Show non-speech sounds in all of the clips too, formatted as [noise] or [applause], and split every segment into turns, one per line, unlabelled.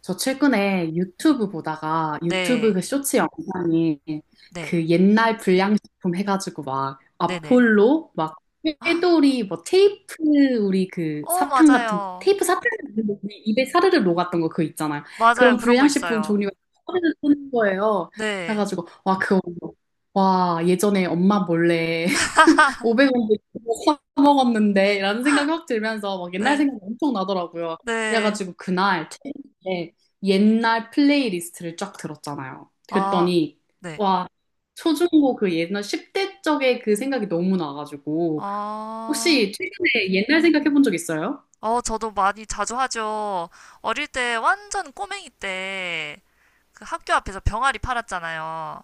저 최근에 유튜브 보다가 유튜브 그
네,
쇼츠 영상이
네,
그 옛날 불량식품 해가지고 막
네네.
아폴로 막
아,
꾀돌이 뭐 테이프 우리 그
어,
사탕 같은 거
맞아요.
테이프 사탕 같은 거 우리 입에 사르르 녹았던 거 그거 있잖아요.
맞아요.
그런
그런 거
불량식품
있어요.
종류가 사르르 뜨는 거예요.
네,
해가지고 와 그거 와 예전에 엄마 몰래 500원도 사 먹었는데 라는 생각이 확 들면서 막 옛날
네,
생각이 엄청 나더라고요.
네.
그래가지고 그날 퇴근에 옛날 플레이리스트를 쫙 들었잖아요.
아,
그랬더니
네.
와 초중고 그 옛날 10대 적의 그 생각이 너무 나가지고
아,
혹시 최근에 옛날 생각해 본 적 있어요?
어, 저도 많이 자주 하죠. 어릴 때, 완전 꼬맹이 때, 그 학교 앞에서 병아리 팔았잖아요.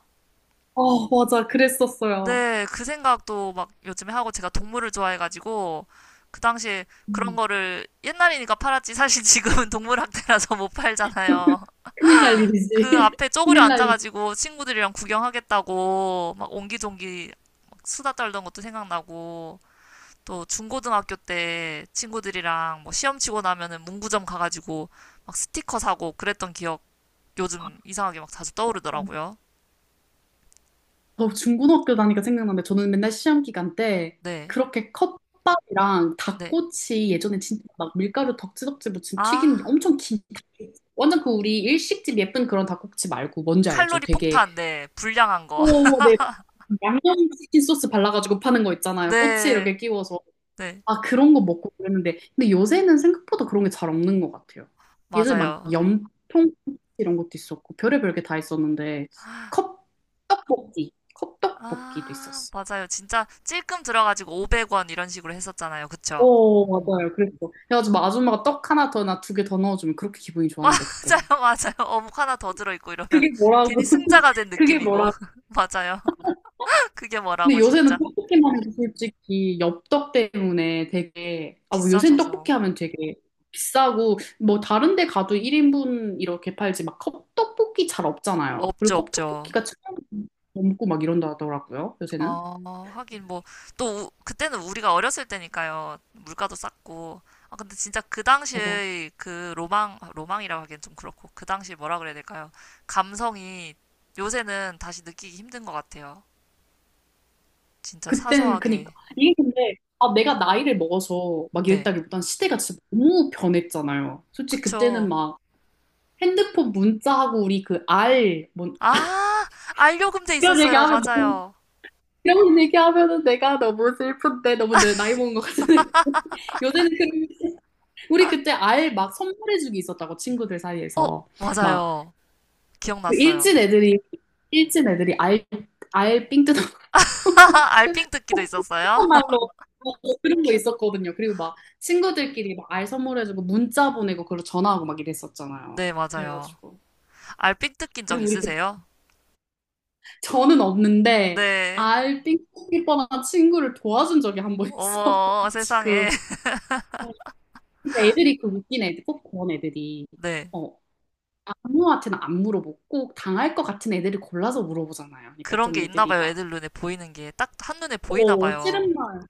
어 맞아 그랬었어요.
네, 그 생각도 막 요즘에 하고 제가 동물을 좋아해가지고, 그 당시에 그런
음,
거를 옛날이니까 팔았지. 사실 [laughs] 지금은 동물학대라서 못 팔잖아요.
큰일 날
그
일이지. [laughs]
앞에 쪼그려
큰일 날
앉아가지고 친구들이랑 구경하겠다고 막 옹기종기 막 수다 떨던 것도 생각나고 또 중고등학교 때 친구들이랑 뭐 시험 치고 나면은 문구점 가가지고 막 스티커 사고 그랬던 기억 요즘 이상하게 막 자주 떠오르더라고요.
저 중고등학교 다니까 생각나는데 저는 맨날 시험 기간 때
네,
그렇게 컵밥이랑
네.
닭꼬치 예전에 진짜 막 밀가루 덕지덕지 묻힌 튀긴
아,
엄청 긴 닭- 완전 그 우리 일식집 예쁜 그런 닭꼬치 말고 뭔지 알죠?
칼로리
되게
폭탄, 네. 불량한 거. [laughs]
오, 네. 맞아요. 양념치킨 소스 발라가지고 파는 거 있잖아요. 꼬치
네,
이렇게 끼워서.
네.
아, 그런 거 먹고 그랬는데. 근데 요새는 생각보다 그런 게 잘 없는 것 같아요. 예전에 막
맞아요.
염통 이런 것도 있었고, 별의별 게 다 있었는데, 컵, 떡볶이, 컵떡볶이도
아,
있었어.
맞아요. 진짜 찔끔 들어가지고 500원 이런 식으로 했었잖아요. 그쵸?
오, 맞아요. 그랬어. 그래가지고 막 아줌마가 떡 하나 더, 나 두 개 더 넣어주면 그렇게 기분이
[laughs]
좋았는데, 그때는.
맞아요, 맞아요. 어묵 하나 더 들어있고 이러면
그게
[laughs]
뭐라고,
괜히
[laughs]
승자가 된
그게
느낌이고.
뭐라고.
[laughs] 맞아요. [laughs] 그게
근데
뭐라고,
요새는
진짜.
떡볶이만 해도 솔직히 엽떡 때문에 되게, 아, 뭐 요새는 떡볶이
비싸져서.
하면 되게 비싸고, 뭐 다른 데 가도 1인분 이렇게 팔지, 막 컵떡볶이 잘 없잖아요.
없죠,
그리고
없죠.
컵떡볶이가 천 원 넘고 막 이런다 하더라고요, 요새는.
어, 하긴 뭐, 또, 그때는 우리가 어렸을 때니까요. 물가도 쌌고. 아, 근데 진짜 그
맞아.
당시의 그 로망, 아, 로망이라고 하기엔 좀 그렇고, 그 당시 뭐라 그래야 될까요? 감성이 요새는 다시 느끼기 힘든 것 같아요. 진짜
그땐, 그니까.
사소하게.
이게 근데, 아, 내가 나이를 먹어서 막
네.
이랬다기보단 시대가 진짜 너무 변했잖아요. 솔직히 그때는
그쵸.
막 핸드폰 문자하고 우리 그 알, 뭔, 아,
아, 알료금 돼
이런
있었어요.
얘기하면 너무
맞아요.
이런 얘기하면은 내가 너무 슬픈데 너무 내 나이 먹은 것 같은 느낌. [laughs] 요새는 그 우리 그때 알 막 선물해주기 있었다고 친구들
어,
사이에서 막그
맞아요. 기억났어요.
일진 애들이 일진 애들이 알알삥 뜯어
[laughs] 알핑 뜯기도 있었어요?
[laughs]
[laughs]
말로 그런 거 있었거든요. 그리고 막 친구들끼리 막 알 선물해주고 문자 보내고 그걸로 전화하고 막 이랬었잖아요.
네, 맞아요.
그래가지고
알핑 뜯긴 적
그리고 우리 그-
있으세요?
저는 없는데
네.
알삥 뜯길 뻔한 친구를 도와준 적이 한 번 있어.
어머,
[laughs]
세상에.
지금.
[laughs]
진짜 애들이 그 웃긴 애들, 꼭 그런 애들이
네.
어, 아무한테나 안 물어보고 꼭 당할 것 같은 애들을 골라서 물어보잖아요. 그러니까
그런
좀
게 있나
애들이
봐요.
막,
애들 눈에 보이는 게. 딱 한눈에 보이나
어,
봐요.
싫은 말.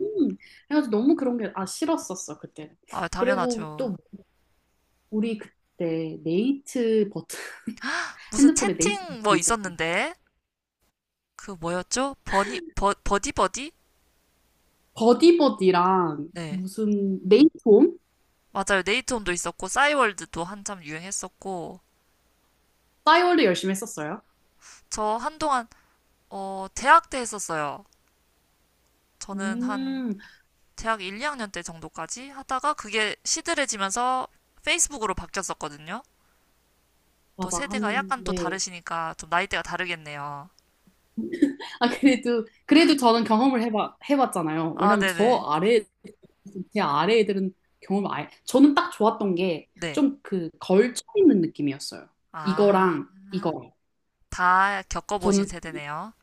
음. 그래가지고 너무 그런 게, 아, 싫었었어, 그때.
아,
그리고
당연하죠.
또 우리 그때 네이트 버튼, [laughs]
무슨
핸드폰에 네이트
채팅
버튼
뭐
있었고,
있었는데? 그 뭐였죠? 버디버디?
버디버디랑
네.
무슨 네이트홈?
맞아요. 네이트홈도 있었고, 싸이월드도 한참 유행했었고,
싸이월드 열심히 했었어요.
저 한동안, 어, 대학 때 했었어요. 저는 한
음,
대학 1, 2학년 때 정도까지 하다가 그게 시들해지면서 페이스북으로 바뀌었었거든요. 또
맞아.
세대가
한,
약간 또
네.
다르시니까 좀 나이대가 다르겠네요.
아, 그래도, 그래도 저는 경험을 해봤잖아요.
아,
왜냐면
네네.
아래, 제 아래 애들은 경험을 아예, 저는 딱 좋았던 게
네.
좀 그 걸쳐 있는 느낌이었어요.
아,
이거랑 이거.
다
저는
겪어보신 세대네요.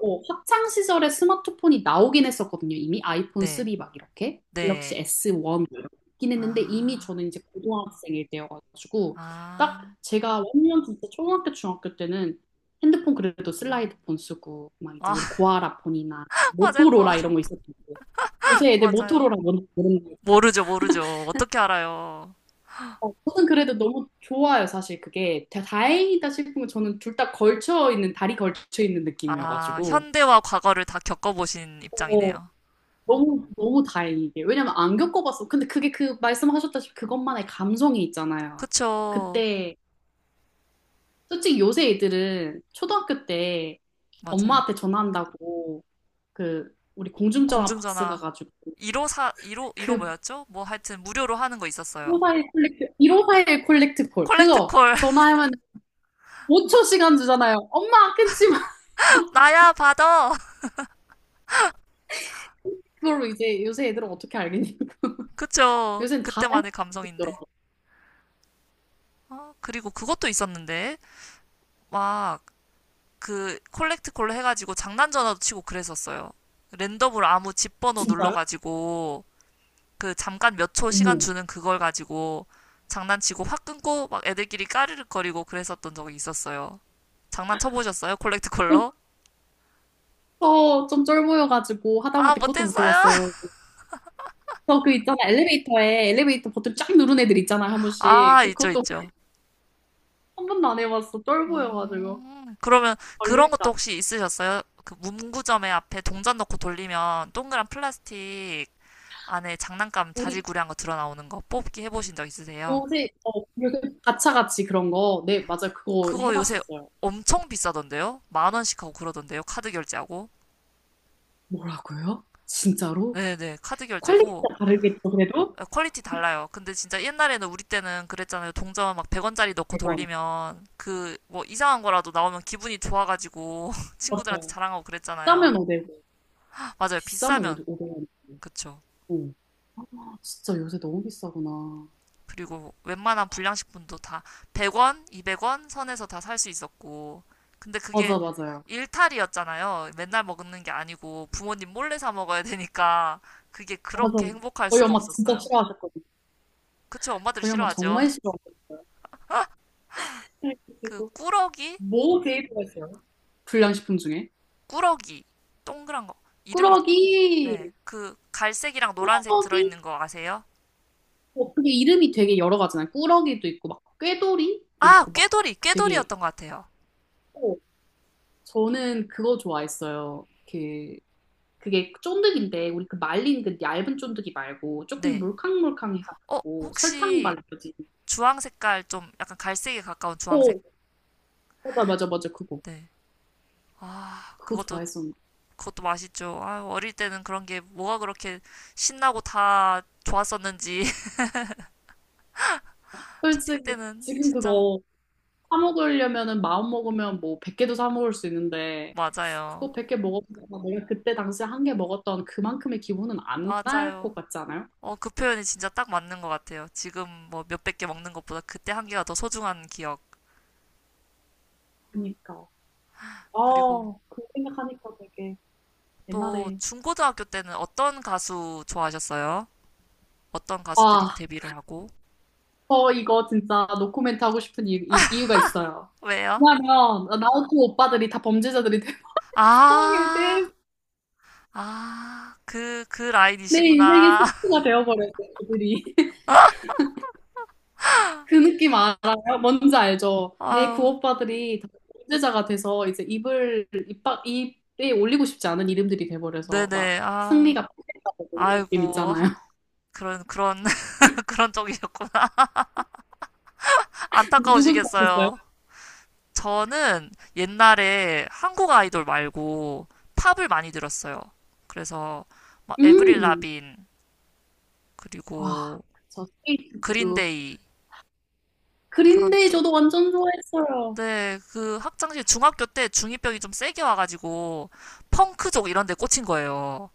어, 학창 시절에 스마트폰이 나오긴 했었거든요. 이미 아이폰
네.
3 막 이렇게 갤럭시
네.
S1 이렇게 있긴 했는데 이미
아,
저는 이제 고등학생일 때여가지고
아,
딱 제가 완전 진짜 초등학교 중학교 때는 핸드폰 그래도 슬라이드폰 쓰고 막 이제
아,
우리
[laughs]
고아라 폰이나
맞아요.
모토로라 이런 거 있었는데
꼭 알아.
요새 애들
맞아요.
모토로라 뭔지 모르는데
모르죠, 모르죠. 어떻게 알아요?
어, 저는 그래도 너무 좋아요 사실 그게 다- 다행이다 싶은 건 저는 둘 다 걸쳐 있는 다리 걸쳐 있는
아,
느낌이어가지고
현대와 과거를 다 겪어보신 입장이네요.
너무, 너무 다행이게. 왜냐면 안 겪어봤어. 근데 그게 그 말씀하셨다시피 그것만의 감성이 있잖아요.
그쵸.
그때, 솔직히 요새 애들은 초등학교 때
맞아요.
엄마한테 전화한다고 그, 우리 공중전화 박스
공중전화
가가지고
1호사15 15
그
뭐였죠? 뭐 하여튼 무료로 하는 거
1 5
있었어요.
사일 콜렉트, 1541 콜렉트 콜. 그거
콜렉트콜
전화하면 5초 시간 주잖아요. 엄마 끊지 마.
[laughs]
[laughs]
나야 받아. [laughs]
그걸로 이제 요새 애들은 어떻게 알겠냐고. [laughs]
그쵸?
요새는 다 알고
그때만의 감성인데.
있더라고.
아, 그리고 그것도 있었는데 막 그 콜렉트콜로 해가지고 장난 전화도 치고 그랬었어요. 랜덤으로 아무 집 번호
진짜요?
눌러가지고 그 잠깐 몇 초 시간
어머.
주는 그걸 가지고 장난치고 확 끊고 막 애들끼리 까르륵거리고 그랬었던 적이 있었어요. 장난 쳐보셨어요? 콜렉트콜로?
저 좀 쫄보여가지고
아,
하다못해 그것도 못
못했어요.
해봤어요. 저 그 있잖아 엘리베이터에 엘리베이터 버튼 쫙 누른 애들 있잖아 한 번씩.
아,
저
있죠,
그것도
있죠.
한 번도 안 해봤어. 쫄보여가지고
그러면 그런
걸릴까.
것도
봐.
혹시 있으셨어요? 그 문구점에 앞에 동전 넣고 돌리면 동그란 플라스틱 안에 장난감
우리
자질구레한 거 드러나오는 거 뽑기 해보신 적 있으세요?
요새 어 요새 가차같이 그런 거. 네 맞아 요 그거
그거 요새
해봤었어요.
엄청 비싸던데요? 10,000원씩 하고 그러던데요? 카드 결제하고?
뭐라고요? 진짜로?
네네, 카드 결제고.
퀄리티가 다르겠죠 그래도?
아, 퀄리티 달라요. 근데 진짜 옛날에는 우리 때는 그랬잖아요. 동전 막 100원짜리 넣고
100원.
돌리면 그 뭐 이상한 거라도 나오면 기분이 좋아가지고 [laughs] 친구들한테
맞아요.
자랑하고 그랬잖아요.
싸면 5백원
맞아요.
비싸면
비싸면
500원.
그쵸.
어. 아, 진짜 요새 너무 비싸구나.
그리고 웬만한 불량식품도 다 100원, 200원 선에서 다 살 수 있었고. 근데 그게
맞아 맞아요.
일탈이었잖아요. 맨날 먹는 게 아니고 부모님 몰래 사 먹어야 되니까 그게
맞아. 요
그렇게 행복할
저희
수가
엄마 진짜
없었어요.
싫어하셨거든요.
그쵸. 엄마들
저희 엄마
싫어하죠.
정말 싫어하거든요.
그
그리고
꾸러기,
뭐 데이트가 있어요? 불량식품 중에.
꾸러기 동그란 거 이름이
꾸러기,
네. 그 갈색이랑 노란색
꾸러기.
들어있는 거 아세요?
어, 그게 이름이 되게 여러 가지잖아요. 꾸러기도 있고, 막, 꾀돌이도
아,
있고, 막,
꾀돌이,
되게.
꾀돌이였던 것 같아요.
어, 저는 그거 좋아했어요. 그, 그게 쫀득인데, 우리 그 말린 그 얇은 쫀득이 말고, 조금
네. 어,
물캉물캉해가지고, 설탕
혹시
발라진.
주황 색깔 좀 약간 갈색에 가까운 주황색.
어, 맞아, 맞아, 맞아, 그거.
네. 아,
그거
그것도
좋아했었는데.
그것도 맛있죠. 아, 어릴 때는 그런 게 뭐가 그렇게 신나고 다 좋았었는지. [laughs] 초딩
솔직히,
때는
지금
진짜
그거 사 먹으려면은 마음 먹으면 뭐 100개도 사 먹을 수 있는데
맞아요.
그거 100개 먹었다가 내가 그때 당시에 한 개 먹었던 그만큼의 기분은 안 날 것
맞아요.
같지 않아요?
어, 그 표현이 진짜 딱 맞는 것 같아요. 지금 뭐 몇백 개 먹는 것보다 그때 한 개가 더 소중한 기억.
그니까. 아,
그리고
그 생각하니까 되게
또
옛날에.
중고등학교 때는 어떤 가수 좋아하셨어요? 어떤 가수들이
아,
데뷔를 하고?
저 이거 진짜 노코멘트 하고 싶은 이유가 있어요.
왜요?
왜냐면 나우토 오빠들이 다 범죄자들이 된 [laughs] 상황에
아,
대해
그
내 인생의
라인이시구나. [laughs]
스포가 되어버렸어요, 그들이. 그 느낌 알아요? 뭔지 알죠? 내
아유,
구오빠들이 다 범죄자가 돼서 이제 입을 입박 입에 올리고 싶지 않은 이름들이 돼버려서 막
네네. 아,
승리가 폭행다고 이런 느낌
아이고.
있잖아요.
그런, [laughs] 그런 쪽이셨구나.
[laughs] 누구도 하셨어요?
안타까우시겠어요. 저는 옛날에 한국 아이돌 말고 팝을 많이 들었어요. 그래서 막 에브릴
음,
라빈,
와,
그리고
그쵸. 스테이트 구두.
그린데이, 그런
그린데이
쪽.
저도 완전 좋아했어요.
네, 그 학창시절 중학교 때 중2병이 좀 세게 와가지고 펑크족 이런 데 꽂힌 거예요.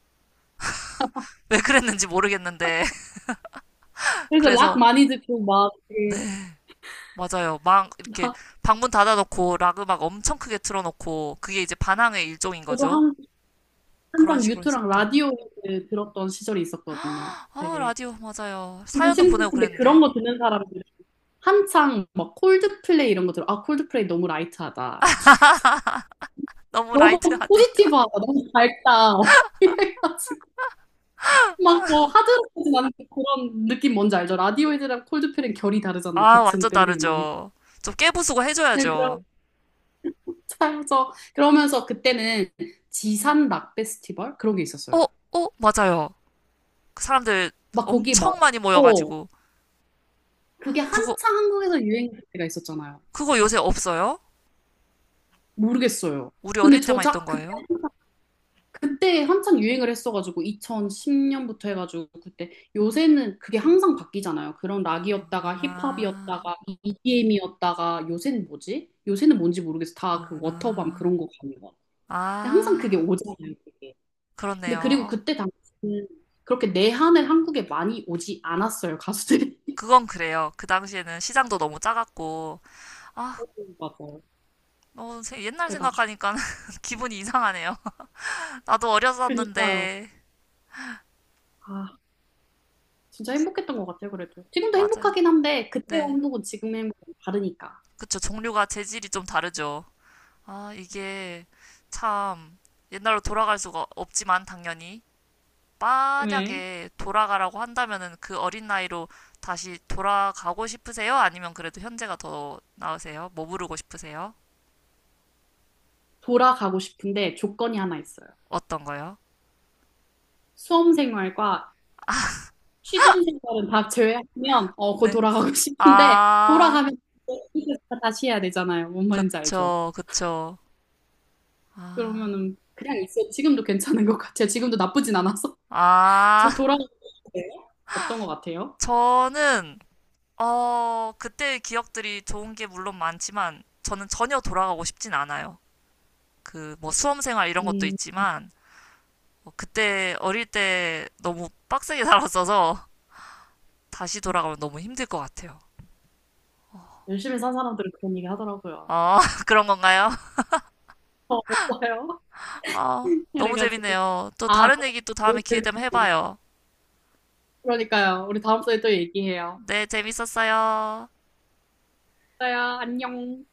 왜 그랬는지 모르겠는데. [laughs]
그래서 락
그래서
많이 듣고 막 되게
맞아요. 막 이렇게
나
방문 닫아놓고 락 음악 엄청 크게 틀어놓고 그게 이제 반항의 일종인
저도
거죠.
한
그런
항상
식으로
유튜랑
했었던.
라디오 들었던 시절이 있었거든요.
아,
되게
라디오 맞아요.
그리고
사연도
심지어
보내고
근데 그런
그랬는데
거 듣는 사람들 한창 막 콜드플레이 이런 거 들어. 아, 콜드플레이 너무 라이트하다. 막 이러면서 [laughs]
너무
너무
라이트하대. [laughs]
포지티브하다. 너무 밝다. 막 [laughs] 이래가지고 막 저 하드락까지 않는 그런 느낌 뭔지 알죠? 라디오헤드랑 콜드플레이는 결이 다르잖아요.
아,
같은
완전
밴드 음악이.
다르죠. 좀 깨부수고
네, 그런
해줘야죠.
차이죠 그러면서 그때는 지산 락 페스티벌 그런 게
어,
있었어요.
어, 맞아요. 그 사람들
막 거기 막
엄청 많이
어,
모여가지고
그게
그거
한창 한국에서 유행할 때가 있었잖아요.
그거 요새 없어요?
모르겠어요.
우리
근데
어릴 때만 있던
저작
거예요?
그때 한참 유행을 했어가지고 2010년부터 해가지고 그때 요새는 그게 항상 바뀌잖아요. 그런 락이었다가
아,
힙합이었다가 EDM이었다가 요새는 뭐지? 요새는 뭔지 모르겠어. 다 그 워터밤
아,
그런 거 가는 거. 근데 항상 그게
아,
오잖아요. 그게. 근데 그리고
그렇네요.
그때 당시는 그렇게 내한을 한국에 많이 오지 않았어요. 가수들이.
그건 그래요. 그 당시에는 시장도 너무 작았고 아,
[laughs] 맞아
어, 옛날
그래가지고.
생각하니까 [laughs] 기분이 이상하네요. [laughs] 나도
그니까요.
어렸었는데.
아, 진짜 행복했던 것 같아요. 그래도. 지금도
맞아요.
행복하긴 한데 그때와
네.
행복은 지금의 행복은 다르니까.
그쵸. 종류가 재질이 좀 다르죠. 아, 이게 참 옛날로 돌아갈 수가 없지만 당연히
네.
만약에 돌아가라고 한다면은 그 어린 나이로 다시 돌아가고 싶으세요? 아니면 그래도 현재가 더 나으세요? 뭐 부르고 싶으세요?
돌아가고 싶은데 조건이 하나 있어요.
어떤 거요?
수험생활과 취준생활은 다 제외하면 어, 거기
네.
돌아가고 [laughs] 싶은데
아,
돌아가면 이거 다시 해야 되잖아요. 뭔 말인지 알죠?
그쵸, 그쵸. 아,
그러면은 그냥 있어요. 지금도 괜찮은 것 같아요. 지금도 나쁘진 않아서 [laughs]
아,
저
[laughs]
돌아가고 싶어요. 어떤 것 같아요?
저는 어, 그때의 기억들이 좋은 게 물론 많지만 저는 전혀 돌아가고 싶진 않아요. 그 뭐 수험 생활 이런 것도
음,
있지만 뭐 그때 어릴 때 너무 빡세게 살았어서 [laughs] 다시 돌아가면 너무 힘들 것 같아요.
열심히 산 사람들은 그런 얘기 하더라고요.
아, [laughs] 그런 건가요?
어, 없어요?
[laughs] 아,
[laughs]
너무
그래가지고
재밌네요. 또
아,
다른 얘기 또 다음에
너무
기회
좋을
되면
것 같아요.
해봐요.
그러니까요. 우리 다음 주에 또 얘기해요.
네, 재밌었어요.
그래요 안녕.